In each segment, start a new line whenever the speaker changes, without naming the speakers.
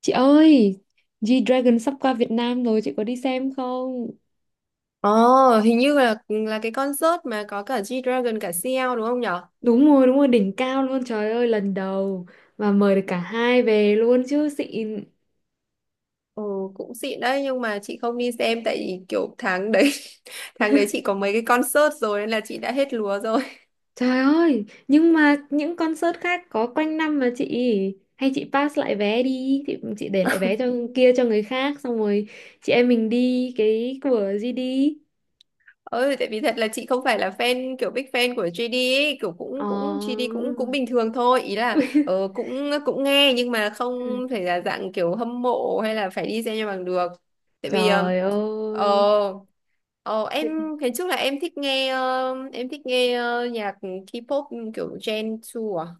Chị ơi, G-Dragon sắp qua Việt Nam rồi, chị có đi xem không?
Ồ, hình như là cái concert mà có cả G-Dragon cả CL đúng không nhở?
Đúng rồi, đỉnh cao luôn, trời ơi, lần đầu mà mời được cả hai về luôn chứ xịn.
Ồ, cũng xịn đấy nhưng mà chị không đi xem tại vì kiểu tháng đấy tháng đấy chị có mấy cái concert rồi nên là chị đã hết lúa rồi.
Trời ơi, nhưng mà những concert khác có quanh năm mà chị hay chị pass lại vé đi, chị để lại vé cho kia cho người khác xong rồi chị em mình đi cái của GD.
Ừ, tại vì thật là chị không phải là fan kiểu big fan của GD ấy, kiểu
Ờ.
cũng cũng GD cũng cũng bình thường thôi, ý là cũng cũng nghe nhưng mà không thể là dạng kiểu hâm mộ hay là phải đi xem cho bằng được. Tại vì
Trời
ờ,
ơi.
ờ, em ngày trước là em thích nghe nhạc K-pop kiểu Gen 2 à?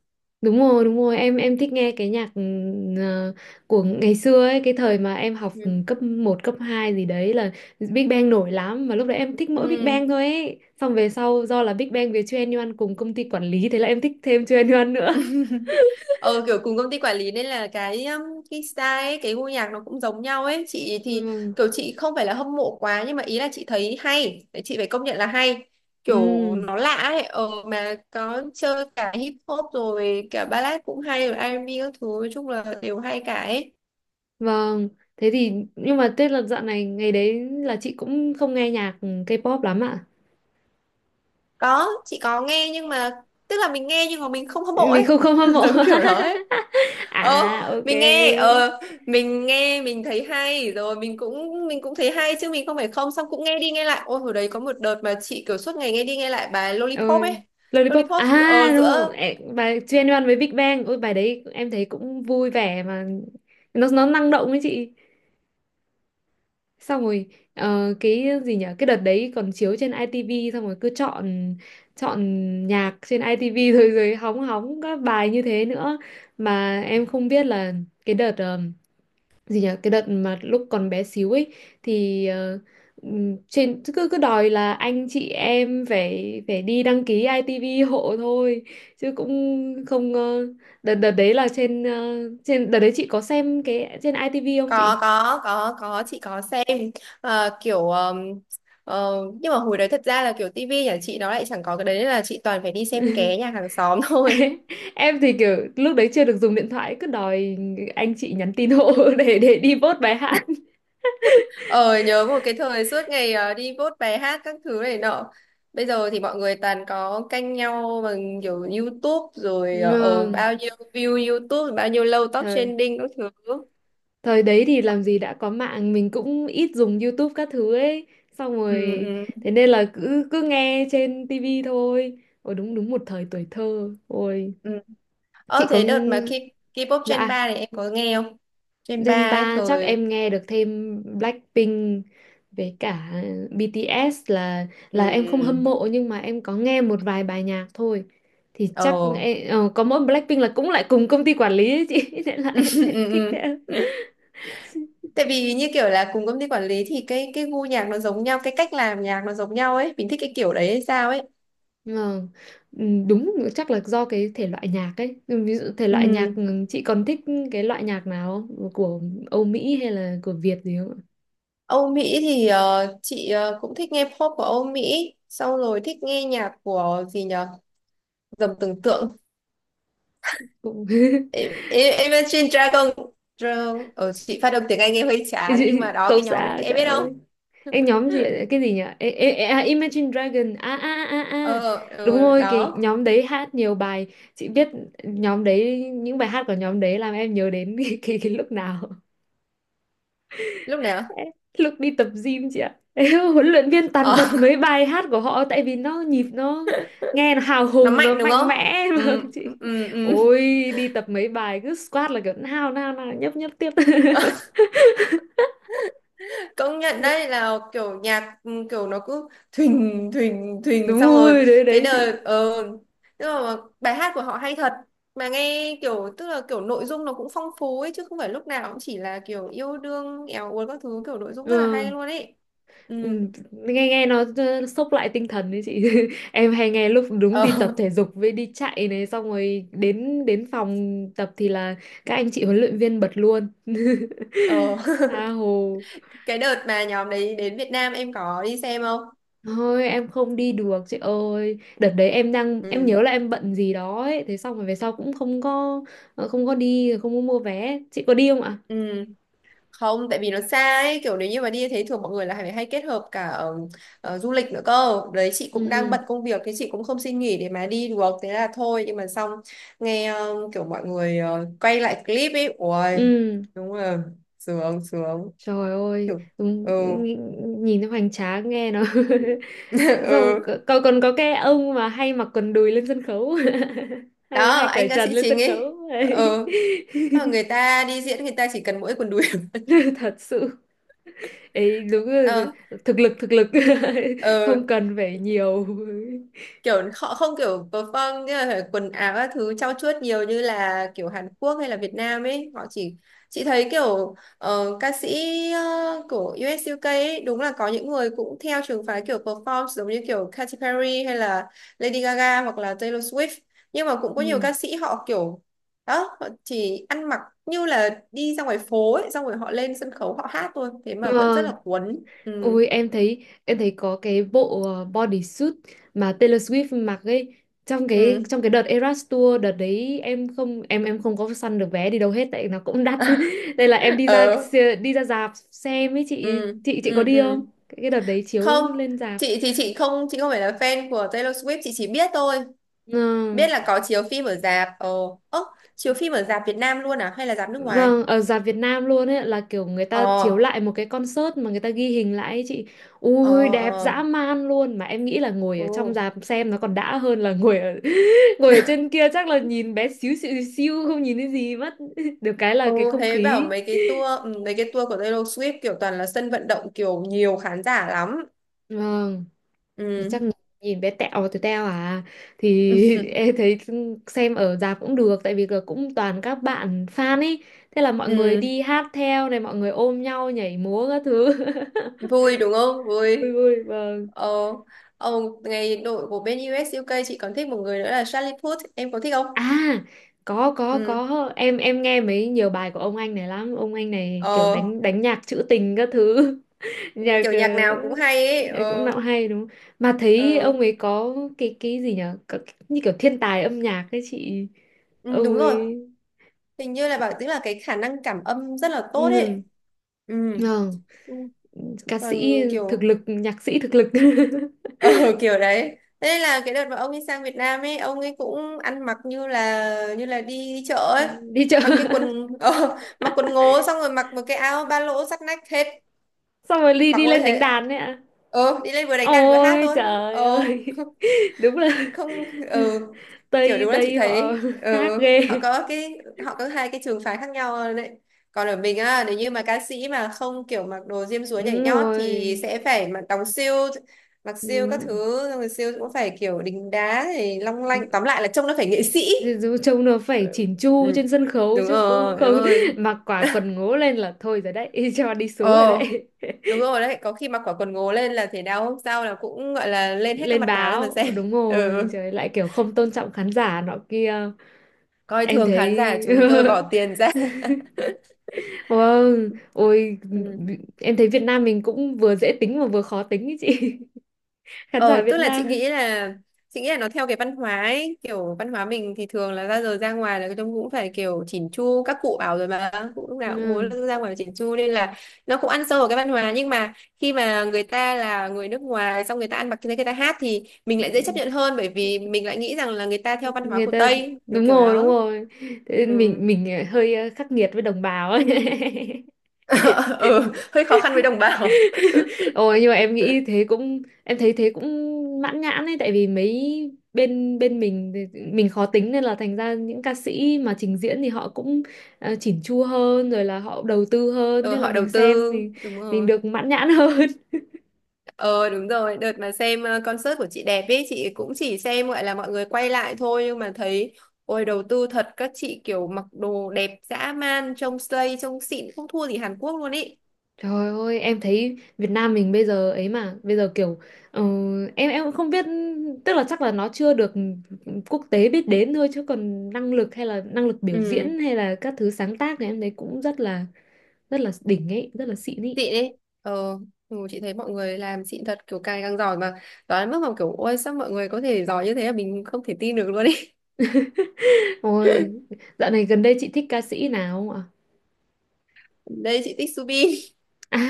Đúng rồi, em thích nghe cái nhạc ờ, của ngày xưa ấy, cái thời mà em học
Ừ.
cấp một cấp 2 gì đấy là Big Bang nổi lắm mà lúc đấy em thích mỗi Big
Ừ.
Bang thôi ấy. Xong về sau do là Big Bang với chuyên Yuan cùng công ty quản lý thế là em thích thêm chuyên Yuan nữa.
ờ kiểu cùng công ty quản lý nên là cái style ấy, cái gu nhạc nó cũng giống nhau ấy. Chị thì
Vâng.
kiểu chị không phải là hâm mộ quá nhưng mà ý là chị thấy hay. Đấy, chị phải công nhận là hay, kiểu
Ừ,
nó lạ ấy. Ờ mà có chơi cả hip hop rồi cả ballad cũng hay, rồi R&B các thứ, nói chung là đều hay cả ấy.
vâng. Thế thì nhưng mà Tết là dạo này ngày đấy là chị cũng không nghe nhạc K-pop lắm ạ.
Có, chị có nghe nhưng mà tức là mình nghe nhưng mà mình không hâm mộ
Mình
ấy,
không không hâm mộ.
giống kiểu đó ấy. ờ
À ok.
mình nghe ờ mình nghe mình thấy hay rồi mình cũng thấy hay chứ mình không phải không. Xong cũng nghe đi nghe lại, ôi hồi đấy có một đợt mà chị kiểu suốt ngày nghe đi nghe lại bài Lollipop
Ừ.
ấy.
Lollipop
Lollipop. Ờ,
à, đúng
giữa.
rồi. Ê, bài Twenty One với Big Bang, ôi bài đấy em thấy cũng vui vẻ mà nó năng động ấy chị, xong rồi cái gì nhở, cái đợt đấy còn chiếu trên ITV xong rồi cứ chọn chọn nhạc trên ITV rồi rồi hóng hóng các bài như thế nữa. Mà em không biết là cái đợt gì nhỉ, cái đợt mà lúc còn bé xíu ấy, thì trên cứ cứ đòi là anh chị em phải phải đi đăng ký ITV hộ thôi chứ cũng không đợt đợt đấy là trên ờ, trên đợt đấy chị có xem cái trên ITV không
có
chị?
có có có chị có xem. Ờ, kiểu ờ, nhưng mà hồi đấy thật ra là kiểu tivi nhà chị nó lại chẳng có cái đấy nên là chị toàn phải đi xem ké nhà hàng xóm thôi.
Em thì kiểu lúc đấy chưa được dùng điện thoại, cứ đòi anh chị nhắn tin hộ để đi vote bài hát.
Ờ, nhớ một cái thời suốt ngày đi vote bài hát các thứ này nọ. Bây giờ thì mọi người toàn có canh nhau bằng kiểu YouTube rồi, bao nhiêu view YouTube, bao nhiêu lâu top
Ừ,
trending các thứ.
thời đấy thì làm gì đã có mạng, mình cũng ít dùng YouTube các thứ ấy. Xong
Ừ,
rồi,
ừ,
thế nên là cứ cứ nghe trên TV thôi. Ôi đúng, đúng một thời tuổi thơ. Ôi,
ừ. Ờ,
chị có
thế đợt mà
ng-
K-pop Gen
dạ,
3 này em có nghe không? Gen
Gen
3 ấy
3 chắc
thời.
em nghe được thêm Blackpink với cả BTS là em không
Ừ.
hâm mộ nhưng mà em có nghe một vài bài nhạc thôi. Thì
Ờ.
chắc em, có mỗi Blackpink là cũng lại cùng công ty quản lý ấy chị, nên là em lại
Ừ,
thích
ừ.
thế.
Tại vì như kiểu là cùng công ty quản lý thì cái gu nhạc nó giống nhau, cái cách làm nhạc nó giống nhau ấy, mình thích cái kiểu đấy hay sao ấy.
Ờ, ừ, đúng, chắc là do cái thể loại nhạc ấy. Ừ, ví dụ thể
Ừ.
loại nhạc chị còn thích cái loại nhạc nào không, của Âu Mỹ hay là của Việt gì không ạ?
Âu Mỹ thì chị cũng thích nghe pop của Âu Mỹ, xong rồi thích nghe nhạc của gì nhở, dầm tưởng tượng,
Cũng
Imagine Dragon. Dragon, chị phát âm tiếng Anh nghe hơi chán nhưng
chị
mà đó,
không
cái nhóm đấy
xa,
em
trời
biết không?
ơi, anh nhóm gì ạ? Cái gì nhỉ? Ê, ê, ê, à, Imagine Dragon à à à à à.
Ờ.
Đúng rồi, cái
Đó.
nhóm đấy hát nhiều bài, chị biết nhóm đấy. Những bài hát của nhóm đấy làm em nhớ đến cái lúc nào?
Lúc nào?
Lúc đi tập gym chị ạ, huấn luyện viên toàn
Ờ.
bật mấy bài hát của họ tại vì nhịp nó nghe nó hào
Nó
hùng, nó
mạnh đúng
mạnh
không?
mẽ.
Ừ.
Vâng chị,
Ừ. Ừ.
ôi đi tập mấy bài cứ squat là kiểu nào nào nào, nhấp nhấp tiếp.
Công nhận đấy là kiểu nhạc, ừ, kiểu nó cứ thình thình thình
Đúng
xong rồi
rồi, đấy
cái
đấy chị.
đời. Ờ Tức là bài hát của họ hay thật, mà nghe kiểu, tức là kiểu nội dung nó cũng phong phú ấy, chứ không phải lúc nào cũng chỉ là kiểu yêu đương éo uốn các thứ, kiểu nội dung
Ờ,
rất là hay luôn ấy.
ừ,
Ừ.
nghe nghe nó sốc lại tinh thần đấy chị, em hay nghe lúc đúng đi tập
Ờ.
thể dục với đi chạy này, xong rồi đến đến phòng tập thì là các anh chị huấn luyện viên bật luôn.
Ờ.
Tha hồ.
Cái đợt mà nhóm đấy đến Việt Nam em có đi xem không?
Thôi em không đi được chị ơi. Đợt đấy em đang, em
Ừ.
nhớ là em bận gì đó ấy. Thế xong rồi về sau cũng không có không có đi, không có mua vé. Chị có đi không ạ?
Ừ, không, tại vì nó xa ấy, kiểu nếu như mà đi thế thường mọi người là phải hay kết hợp cả du lịch nữa cơ, đấy chị cũng đang
Ừ,
bận công việc, thế chị cũng không xin nghỉ để mà đi được, thế là thôi. Nhưng mà xong nghe kiểu mọi người quay lại clip ấy, ui
ừ,
đúng là sướng sướng
trời ơi
kiểu. Ừ.
đúng, nhìn nhìn nó hoành tráng, nghe nó xong rồi
Ừ.
còn còn có cái ông mà hay mặc quần đùi lên sân khấu, hay,
Đó
hay cởi
anh ca
trần
sĩ
lên
chính
sân
ấy.
khấu ấy.
Ừ. Ờ, người ta đi diễn người ta chỉ cần mỗi quần đùi.
Thật sự ấy, đúng là
Ờ.
thực lực, thực lực, không
Ừ.
cần phải nhiều.
Kiểu họ không kiểu perform như là quần áo các thứ trau chuốt nhiều như là kiểu Hàn Quốc hay là Việt Nam ấy, họ chỉ. Chị thấy kiểu ca sĩ của US UK ấy, đúng là có những người cũng theo trường phái kiểu perform giống như kiểu Katy Perry hay là Lady Gaga hoặc là Taylor Swift, nhưng mà cũng có nhiều
Ừ.
ca sĩ họ kiểu đó, họ chỉ ăn mặc như là đi ra ngoài phố ấy, xong rồi họ lên sân khấu họ hát thôi, thế mà vẫn rất
Vâng,
là cuốn. Ừ.
ui em thấy, em thấy có cái bộ bodysuit mà Taylor Swift mặc ấy, trong cái
Ừ.
đợt Eras Tour. Đợt đấy em không, em không có săn được vé đi đâu hết tại nó cũng đắt. Đây là em đi ra
Ờ.
đi ra rạp xem ấy chị.
Ừ.
Chị có
Ừ.
đi
Ừ.
không? Cái đợt đấy
Không,
chiếu lên rạp.
chị thì chị không phải là fan của Taylor Swift, chị chỉ biết thôi,
Ừ.
biết là có chiếu phim ở rạp. Ồ, ơ, chiếu phim ở rạp Việt Nam luôn à hay là rạp nước ngoài?
Vâng, ở rạp Việt Nam luôn ấy, là kiểu người ta chiếu
Ờ.
lại một cái concert mà người ta ghi hình lại ấy chị. Ui
Ờ.
đẹp dã
Ờ.
man luôn, mà em nghĩ là ngồi ở trong
Ừ.
rạp xem nó còn đã hơn là ngồi ở ngồi ở trên kia chắc là nhìn bé xíu xíu, không nhìn thấy gì mất. Được cái là
Ừ.
cái không
Thế bảo
khí.
mấy cái tour, ừ, mấy cái tour của Taylor Swift kiểu toàn là sân vận động, kiểu nhiều khán giả lắm.
Vâng,
Ừ.
chắc nhìn bé tẹo từ teo à, thì em thấy xem ở rạp cũng được tại vì là cũng toàn các bạn fan ấy. Thế là mọi người
Ừ.
đi hát theo này, mọi người ôm nhau nhảy múa các thứ.
Vui đúng không,
Vui,
vui.
vui, vâng.
Ờ. Ờ. Ngày đội của bên US UK chị còn thích một người nữa là Charlie Puth, em có thích không?
À, có
Ừ.
có em nghe mấy nhiều bài của ông anh này lắm. Ông anh này kiểu
Ờ.
đánh đánh nhạc trữ tình các thứ.
Ừ,
Nhạc
kiểu nhạc nào cũng hay ấy.
nhạc cũng
Ờ.
nào hay đúng không? Mà thấy
Ờ.
ông ấy có cái gì nhở? Như kiểu thiên tài âm nhạc ấy chị,
Ừ,
ông
đúng rồi.
ấy,
Hình như là bảo tức là cái khả năng cảm âm rất là tốt
ừ,
ấy. Ừ.
ờ,
Ừ.
ca
Còn
sĩ thực
kiểu.
lực, nhạc sĩ thực lực.
Ờ. Kiểu đấy, thế nên là cái đợt mà ông ấy sang Việt Nam ấy, ông ấy cũng ăn mặc như là đi chợ ấy,
Đi chợ,
mặc cái quần mặc quần ngố xong rồi mặc một cái áo ba lỗ sát nách hết,
xong rồi đi
mặc
đi
mỗi
lên đánh
thế.
đàn đấy ạ?
Ờ, đi lên vừa đánh đàn vừa hát
Ôi
thôi.
trời
Ờ.
ơi. Đúng là
Không, không. Ừ. Kiểu
Tây,
đúng là chị
Tây họ
thấy, ừ,
khác ghê.
họ có cái, họ có hai cái trường phái khác nhau đấy. Còn ở mình á, nếu như mà ca sĩ mà không kiểu mặc đồ diêm dúa nhảy
Đúng
nhót thì
rồi,
sẽ phải mặc đóng siêu, mặc siêu các
đúng.
thứ, xong rồi siêu cũng phải kiểu đính đá thì long lanh, tóm lại là trông nó phải nghệ sĩ.
Dù- dù Trông nó phải chỉn chu
Ừ.
trên sân khấu
Đúng
chứ cũng
rồi, đúng
không
rồi.
mặc quả quần ngố lên là thôi rồi đấy, cho đi
Ồ,
xuống rồi đấy.
đúng rồi đấy, có khi mặc quả quần ngố lên là thể đau hôm sau là cũng gọi là lên hết các
Lên
mặt báo cho mình
báo
xem.
đúng rồi,
Ừ.
trời ơi, lại kiểu không tôn trọng khán giả nọ kia.
Coi
Em
thường khán
thấy
giả, chúng tôi bỏ tiền ra.
vâng, ôi
Ừ.
em thấy Việt Nam mình cũng vừa dễ tính mà vừa khó tính ý chị, khán giả
ờ Tức
Việt
là chị
Nam.
nghĩ là chị nghĩ là nó theo cái văn hóa ấy, kiểu văn hóa mình thì thường là ra giờ ra ngoài là trông cũng phải kiểu chỉn chu, các cụ bảo rồi mà, cũng lúc nào cũng muốn
Ừ.
ra ngoài chỉn chu nên là nó cũng ăn sâu vào cái văn hóa. Nhưng mà khi mà người ta là người nước ngoài, xong người ta ăn mặc như thế, người ta hát thì mình lại dễ chấp nhận hơn, bởi vì mình lại nghĩ rằng là người ta theo văn hóa
Người
của
ta,
Tây kiểu
đúng
kiểu
rồi, đúng
đó.
rồi, thế
Ừ.
nên mình hơi khắc nghiệt với đồng bào ấy.
Ừ, hơi khó khăn với đồng bào.
Ôi nhưng mà em nghĩ thế cũng, em thấy thế cũng mãn nhãn ấy, tại vì mấy bên bên mình thì mình khó tính nên là thành ra những ca sĩ mà trình diễn thì họ cũng chỉn chu hơn rồi là họ đầu tư hơn,
Ừ,
thế là
họ đầu
mình xem
tư,
thì
đúng
mình
rồi.
được mãn nhãn hơn.
Ờ đúng rồi, đợt mà xem concert của chị đẹp ấy, chị cũng chỉ xem gọi là mọi người quay lại thôi, nhưng mà thấy ôi đầu tư thật, các chị kiểu mặc đồ đẹp dã man, trông slay, trông xịn không thua gì Hàn Quốc luôn ý.
Trời ơi, em thấy Việt Nam mình bây giờ ấy mà, bây giờ kiểu ờ, em cũng không biết, tức là chắc là nó chưa được quốc tế biết đến thôi, chứ còn năng lực hay là năng lực biểu
Ừ,
diễn hay là các thứ sáng tác thì em thấy cũng rất là đỉnh ấy, rất là xịn ấy.
xịn ấy. Ờ, ừ, chị thấy mọi người làm xịn thật, kiểu càng càng giỏi mà đoán đến mức mà kiểu ôi sao mọi người có thể giỏi như thế, là mình không thể tin được luôn ý.
Ôi, dạo này gần đây chị thích ca sĩ nào không ạ?
Đây chị thích Subin.
À,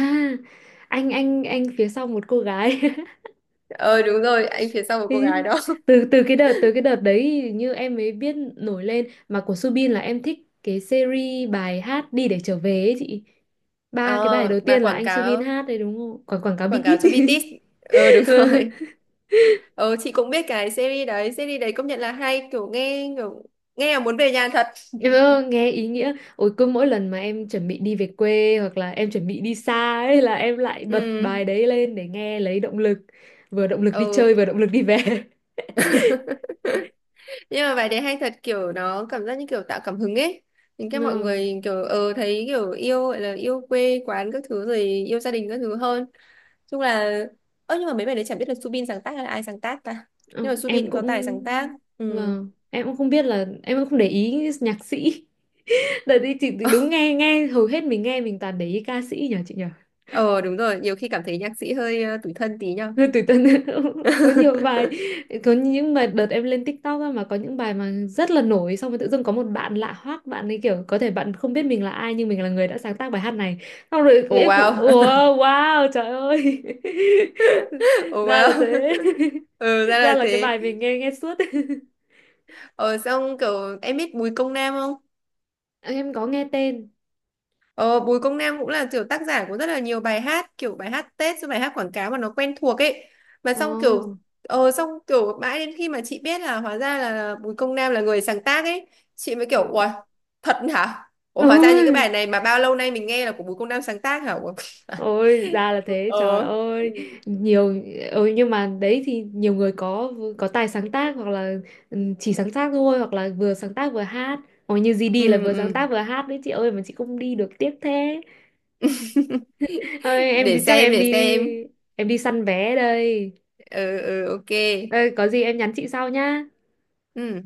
anh phía sau một cô gái.
Ờ đúng rồi, anh phía sau một cô
Ý,
gái đó.
từ từ cái đợt, từ cái đợt đấy thì như em mới biết nổi lên mà, của Subin là em thích cái series bài hát đi để trở về ấy chị, ba cái bài đầu
Ờ, mà
tiên là
quảng
anh Subin
cáo,
hát đấy đúng không, quảng quảng cáo
quảng cáo
bitit.
cho BTS. Ờ, đúng rồi. Ờ, chị cũng biết cái series đấy công nhận là hay, kiểu nghe là muốn về nhà thật.
Ừ, nghe ý nghĩa, ôi cứ mỗi lần mà em chuẩn bị đi về quê hoặc là em chuẩn bị đi xa ấy là em lại bật
Ừ,
bài đấy lên để nghe lấy động lực, vừa động lực đi
ừ.
chơi vừa động lực đi về.
Nhưng mà bài đấy hay thật, kiểu nó cảm giác như kiểu tạo cảm hứng ấy. Những cái mọi
Ừ,
người kiểu, ờ, thấy kiểu yêu, gọi là yêu quê quán các thứ rồi yêu gia đình các thứ hơn. Chung là, ơ, nhưng mà mấy bài đấy chẳng biết là Subin sáng tác hay là ai sáng tác ta. Nhưng
ừ,
mà
em
Subin có tài
cũng
sáng tác. Ừ.
vâng, em cũng không biết là, em cũng không để ý nhạc sĩ. Đợt đi chị thì đúng, nghe nghe hầu hết mình nghe, mình toàn để ý ca sĩ nhờ chị nhờ.
Ờ đúng rồi, nhiều khi cảm thấy nhạc sĩ hơi tủi thân tí nhau.
Rồi Tủi Tuấn có nhiều bài, có những mà đợt em lên TikTok á, mà có những bài mà rất là nổi, xong rồi tự dưng có một bạn lạ hoắc, bạn ấy kiểu có thể bạn không biết mình là ai nhưng mình là người đã sáng tác bài hát này. Xong rồi
Oh
em kiểu
wow.
wow, wow trời ơi.
Oh
Ra là
wow.
thế.
Ừ, ra
Ra
là
là cái
thế.
bài mình nghe nghe suốt.
Ờ, xong kiểu em biết Bùi Công Nam không?
Em có nghe tên.
Ờ, Bùi Công Nam cũng là kiểu tác giả của rất là nhiều bài hát, kiểu bài hát Tết rồi bài hát quảng cáo mà nó quen thuộc ấy. Mà
Ồ.
xong kiểu mãi đến khi mà chị biết là hóa ra là Bùi Công Nam là người sáng tác ấy, chị mới kiểu ủa, thật hả? Ủa, hóa ra những
Ôi.
cái bài này mà bao lâu nay mình nghe là của Bùi Công Nam sáng tác hả? Ủa?
Ôi ra là thế,
Ờ.
trời
Ừ.
ơi, nhiều, ừ, nhưng mà đấy thì nhiều người có tài sáng tác hoặc là, ừ, chỉ sáng tác thôi, hoặc là vừa sáng tác vừa hát, hoặc như GD là
Ừ,
vừa sáng
ừ.
tác vừa hát đấy chị ơi, mà chị không đi được tiếc thế. Ơi em
Để
đi, chắc
xem,
em
để
đi,
xem.
em đi săn vé đây.
Ừ, ừ, ok.
Ê, có gì em nhắn chị sau nhá.
Ừ.